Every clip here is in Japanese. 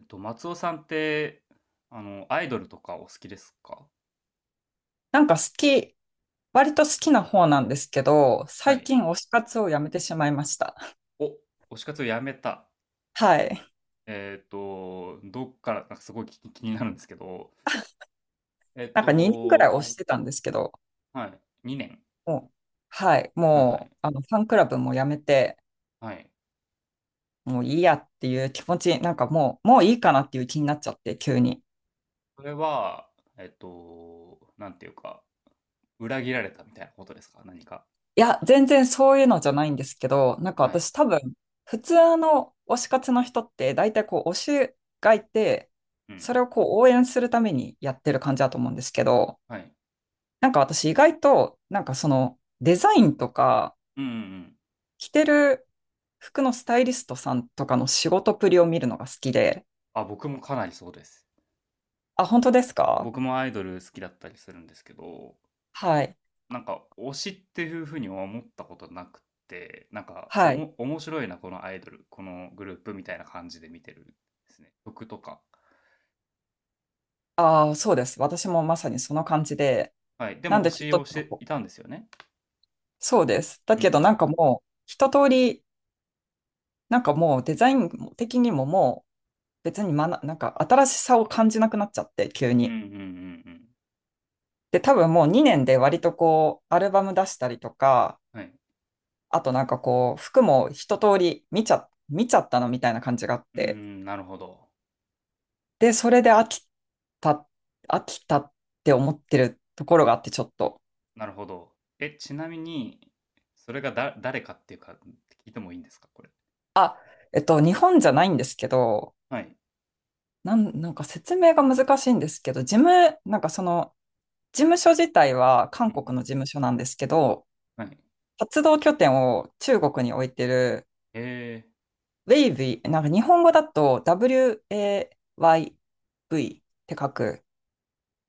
松尾さんって、アイドルとかお好きですか？なんか好き、割と好きな方なんですけど、は最い。近推し活をやめてしまいました。お、推し活をやめた。はい。どっから、なんかすごい気になるんですけど、えっなんか2年ぐらいと、推してたんですけど、はい、2年。もう、はい。はいはい。もう、ファンクラブもやめて、はい。もういいやっていう気持ち、なんかもう、もういいかなっていう気になっちゃって、急に。それは、なんていうか、裏切られたみたいなことですか、何か。いや、全然そういうのじゃないんですけど、なんかはい。私多分、普通の推し活の人って、大体こう、推しがいて、うん。それをこう、応援するためにやってる感じだと思うんですけど、はい。なんか私意外と、なんかそのデザインとか、うんうんうん。着てる服のスタイリストさんとかの仕事ぶりを見るのが好きで。あ、僕もかなりそうです。あ、本当ですか？僕もアイドル好きだったりするんですけど、はい。なんか推しっていうふうには思ったことなくて、なんかおはい。も面白いな、このアイドル、このグループみたいな感じで見てるんですね。曲とか。ああ、そうです。私もまさにその感じで。はい。でなんもで推ちょっしとをしなんかてこいう、たんですよね。そうです。だうんうけどなんん。かもう、一通り、なんかもうデザイン的にももう、別になんか新しさを感じなくなっちゃって、急うんうんうに。んで、多分もう2年で割とこう、アルバム出したりとか、うん。はい。あとなんかこう、服も一通り見ちゃったのみたいな感じがあっうーて、ん、なるほど。で、それでた、飽きたって思ってるところがあって、ちょっと。なるほど。え、ちなみに、それが誰かっていうか、聞いてもいいんですか、これ。日本じゃないんですけど、はい。なんか説明が難しいんですけど、なんかその、事務所自体は韓う国んの事務所なんですけど、うん。はい。活動拠点を中国に置いてる、えウェイビなんか日本語だと WAYV って書く。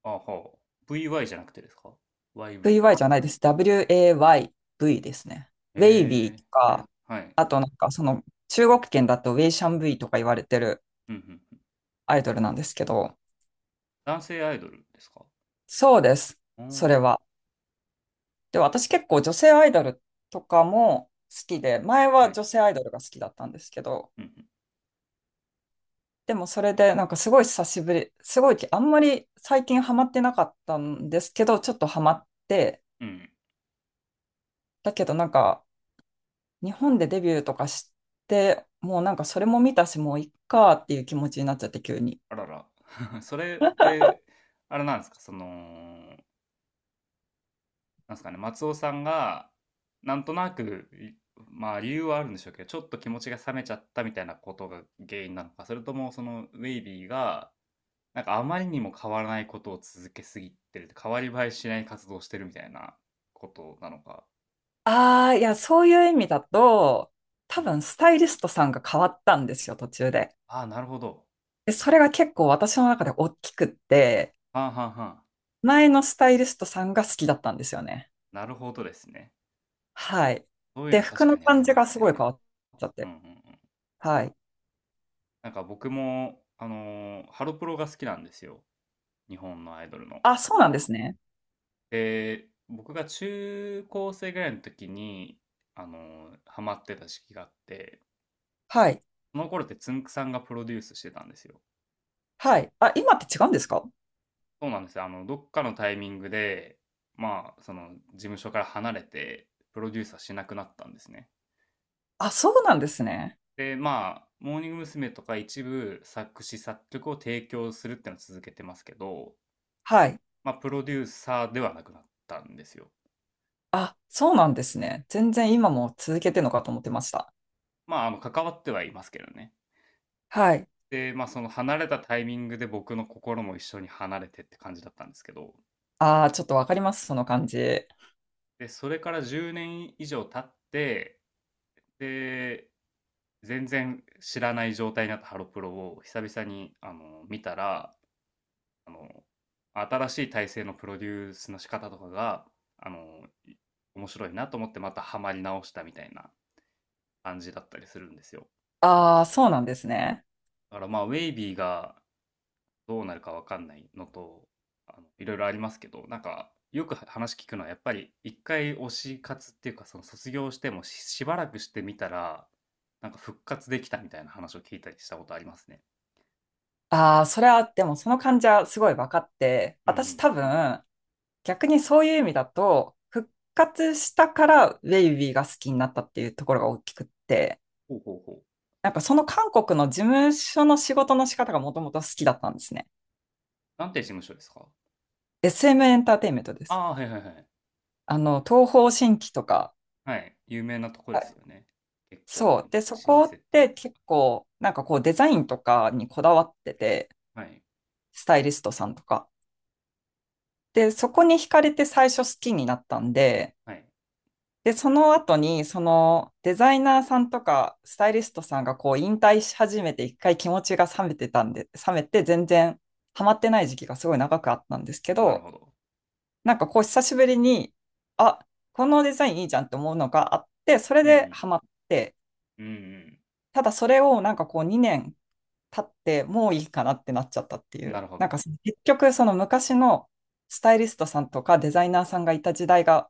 ー、あ、はあ。VY じゃなくてですか？ YV？VY じゃないです。WAYV ですね。ウェイビーえとか、ー、はい。あとなんかその中国圏だとウェイシャンブイとか言われてるうんうん。アイドルなんですけど、男性アイドルですか？そうです。あ、それは。で、私結構女性アイドルとかも好きで、前ははい。女性アイドルが好きだったんですけど、うんでもそれでなんかすごいあんまり最近ハマってなかったんですけど、ちょっとハマって、うん。うん。だけどなんか日本でデビューとかして、もうなんかそれも見たし、もういっかっていう気持ちになっちゃって、急に。あらら。それって、あれなんですか、その、なんですかね、松尾さんが、なんとなく、まあ、理由はあるんでしょうけど、ちょっと気持ちが冷めちゃったみたいなことが原因なのか、それともそのウェイビーが、なんかあまりにも変わらないことを続けすぎてる、変わり映えしない活動をしてるみたいなことなのか。ああ、いや、そういう意味だと、う多んう分ん。スタイリストさんが変わったんですよ、途中で。ああ、なるほど。で、それが結構私の中で大きくって、はんはんはん。前のスタイリストさんが好きだったんですよね。なるほどですね。はい。そういうで、の服確かのにあ感りじまがすすごい変ね。わっちゃっうんて。うんうん。はい。なんか僕も、ハロプロが好きなんですよ。日本のアイドルの。あ、そうなんですね。で、僕が中高生ぐらいの時に、あのハマってた時期があって、はい。その頃ってつんくさんがプロデュースしてたんですよ。はい。あ、今って違うんですか？そうなんですよ。どっかのタイミングで、まあ、事務所から離れて、プロデューサーしなくなったんですね。あ、そうなんですね。で、まあ、モーニング娘。とか一部作詞作曲を提供するっていうのを続けてますけど、はい。まあ、プロデューサーではなくなったんですよ。あ、そうなんですね。全然今も続けてるのかと思ってました。まあ、関わってはいますけどね。はい。で、まあ、その離れたタイミングで僕の心も一緒に離れてって感じだったんですけど、ああ、ちょっとわかります、その感じ。で、それから10年以上経って、で、全然知らない状態になったハロプロを久々に、見たら、あの、新しい体制のプロデュースの仕方とかが、あの、面白いなと思ってまたハマり直したみたいな感じだったりするんですよ。ああ、そうなんですね。だからまあ、ウェイビーがどうなるかわかんないのと、いろいろありますけど、なんか、よく話聞くのは、やっぱり一回推し活っていうか、その卒業してしばらくしてみたら、なんか復活できたみたいな話を聞いたりしたことありますね。ああ、それは、でもその感じはすごいわかって、うんう私ん。多分、逆にそういう意味だと、復活したからウェイビーが好きになったっていうところが大きくって、ほうほうほう。なんかその韓国の事務所の仕事の仕方がもともと好きだったんですね。なんて事務所ですか？ SM エムエンターテインメントです。ああー、はいはいはい。東方神起とか、はい。有名なとこですよね。結構、そう。で、そ老こ舗っっていうてか。結構、なんかこうデザインとかにこだわってて、はい。スタイリストさんとか。で、そこに惹かれて最初好きになったんで、はい。で、その後に、そのデザイナーさんとか、スタイリストさんがこう引退し始めて、一回気持ちが冷めてたんで、冷めて全然ハマってない時期がすごい長くあったんですけなるど、ほど。なんかこう久しぶりに、あ、このデザインいいじゃんって思うのがあって、それうでんハマって、うん。うんただそれをなんかこう2年経ってもういいかなってなっちゃったっていうん。なう。るほなんかど。結局その昔のスタイリストさんとかデザイナーさんがいた時代が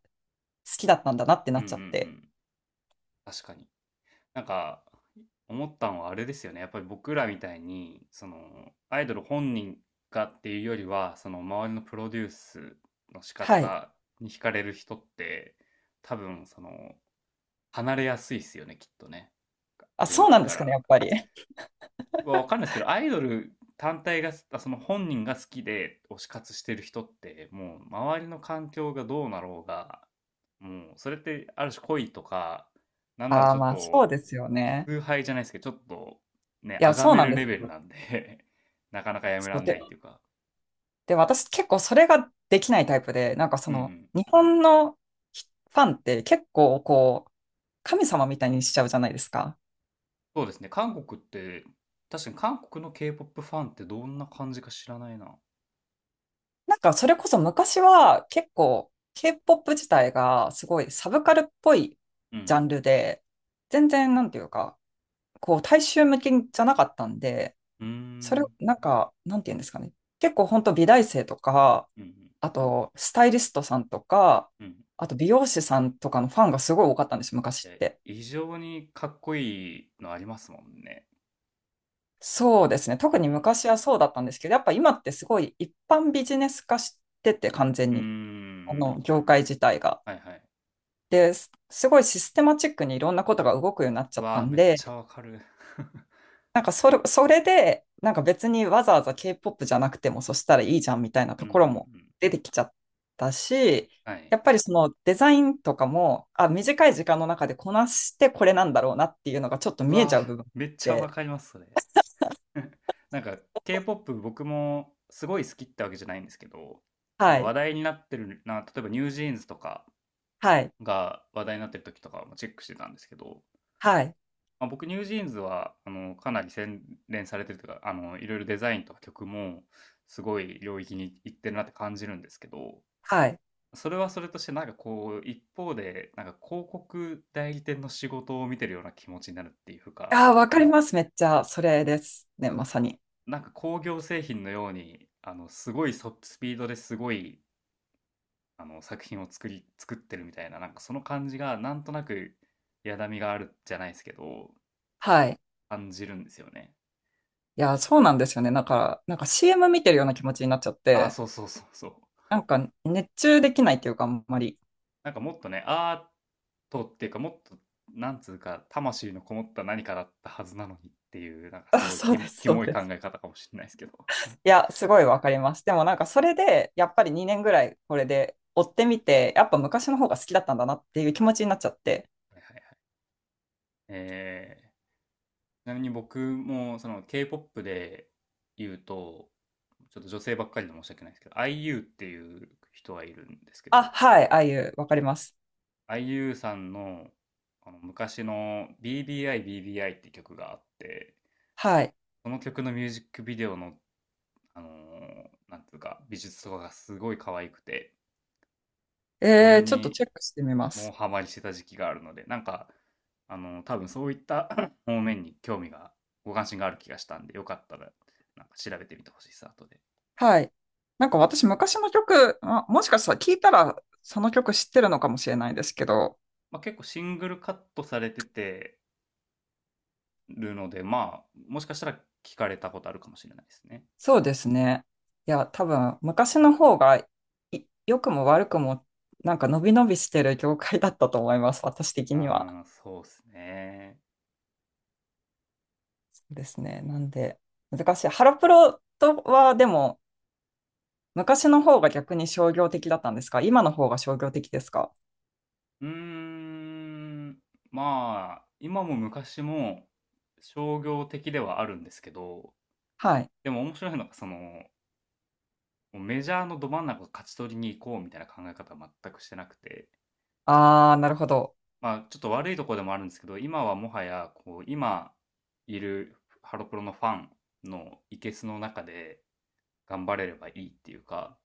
好きだったんだなってなうんっうんうちゃって。ん。確かに。なんか、思ったのはあれですよね。やっぱり僕らみたいに、アイドル本人がっていうよりは、その周りのプロデュースの仕はい。方に惹かれる人って、多分離れやすいっすよね、きっとね。あ、グそルうーなプんでかすかね、やら。っぱり。わかんないですけど、アイドル単体が、その本人が好きで推し活してる人って、もう周りの環境がどうなろうが、もうそれってある種恋とか、なんならあちあ、ょっまあそうとですよね。崇拝じゃないですけど、ちょっとね、いや、崇そうめなんるですレベルよ。なんで なかなかやめそらうんなで、いっていうか。で、私結構それができないタイプで、なんかうそんうのん。日本のファンって結構こう神様みたいにしちゃうじゃないですか。そうですね。韓国って、確かに韓国の K-POP ファンってどんな感じか知らないな。なんかそれこそ昔は結構 K-POP 自体がすごいサブカルっぽいうジャんンルで、全然なんていうか、こう大衆向けじゃなかったんで、うん。うーそれをん。なんか、なんていうんですかね。結構本当美大生とか、うんあとスタイリストさんとか、うん。うん。あと美容師さんとかのファンがすごい多かったんですよ、昔っえ、て。異常にかっこいいのありますもんね。そうですね。う特にん。昔はそうだったんですけど、やっぱ今ってすごい一般ビジネス化してて、完全うーに。ん。業界自体が。はいはい。で、すごいシステマチックにいろんなことが動くようになっちゃうっわたあ、んめっちゃで、わかる。なんかそれで、なんか別にわざわざ K-POP じゃなくてもそしたらいいじゃんみたいな うとんうんうころもん。出てきちゃったし、はい。やっぱりそのデザインとかも、あ、短い時間の中でこなしてこれなんだろうなっていうのがちょっとう見えわちゃうあ、部分めっちゃわで、かります、それ。なんか K-POP 僕もすごい好きってわけじゃないんですけど、なんはか話い、題になってるな、例えばニュージーンズとかはい、が話題になってる時とかもチェックしてたんですけど、はい、まあ、僕ニュージーンズはかなり洗練されてるというか、いろいろデザインとか曲もすごい領域に行ってるなって感じるんですけど、はい。それはそれとしてなんかこう一方でなんか広告代理店の仕事を見てるような気持ちになるっていうか、あー、わかります。めっちゃ、それですね、まさに。なんか工業製品のように、すごいスピードですごい、作品を作ってるみたいな、なんかその感じが、なんとなく、やだみがあるじゃないですけど、はい。感じるんですよね。いや、そうなんですよね。だから、なんか CM 見てるような気持ちになっちゃっああ、て、そうそうそうそう。なんか熱中できないっていうか、あんまり。なんかもっとね、アートっていうか、もっと、なんつうか、魂のこもった何かだったはずなのにっていう、なんかあ、すごいそうです、キそうモいで考す。え方かもしれないですけど。はいや、すごいわかります。でもなんかそれで、やっぱり2年ぐらいこれで追ってみて、やっぱ昔の方が好きだったんだなっていう気持ちになっちゃって。いはいはい。えーちなみに僕もその K-POP で言うと、ちょっと女性ばっかりで申し訳ないですけど、IU っていう人がいるんですけあ、ど、はい、ああいう、わかります。IU さんのあの昔の BBI BBI って曲があって、はい。その曲のミュージックビデオの、あのーなんていうか、美術とかがすごい可愛くて、そえれー、ちょっとにチェックしてみまもうす。ハマりしてた時期があるので、なんか、多分そういった 方面に興味が、ご関心がある気がしたんで、よかったら、なんか調べてみてほしいです、後で。はい。なんか私昔の曲、あもしかしたら聞いたらその曲知ってるのかもしれないですけど、まあ、結構シングルカットされててるので、まあ、もしかしたら聞かれたことあるかもしれないですね。そうですね。いや、多分昔の方が良くも悪くもなんか伸び伸びしてる業界だったと思います、私的には。ああ、そうですね。そうですね。なんで、難しい。ハロプロとはでも昔の方が逆に商業的だったんですか？今の方が商業的ですか？うーん、まあ、今も昔も商業的ではあるんですけど、はい。でも面白いのがもうメジャーのど真ん中を勝ち取りに行こうみたいな考え方は全くしてなくて、ああ、なるほど。まあ、ちょっと悪いところでもあるんですけど、今はもはや今いるハロプロのファンのケスの中で頑張れればいいっていうか、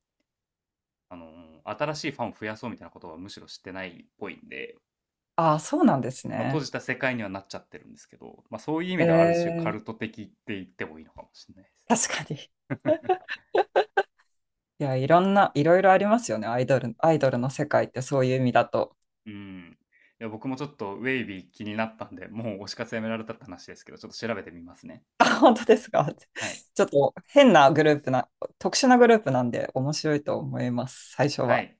あの新しいファンを増やそうみたいなことはむしろ知ってないっぽいんで、ああ、そうなんですまあ、閉ね。じた世界にはなっちゃってるんですけど、まあ、そういう意え味ではある種カー、ルト的って言ってもいいのかもしれないです。確かに。いや、いろいろありますよね。アイドルの世界ってそういう意味だと。うん。いや僕もちょっとウェイビー気になったんで、もう推し活やめられたって話ですけど、ちょっと調べてみますね。あ、本当ですか？はい。ちょっと変なグループな、特殊なグループなんで面白いと思います、最初はは。い。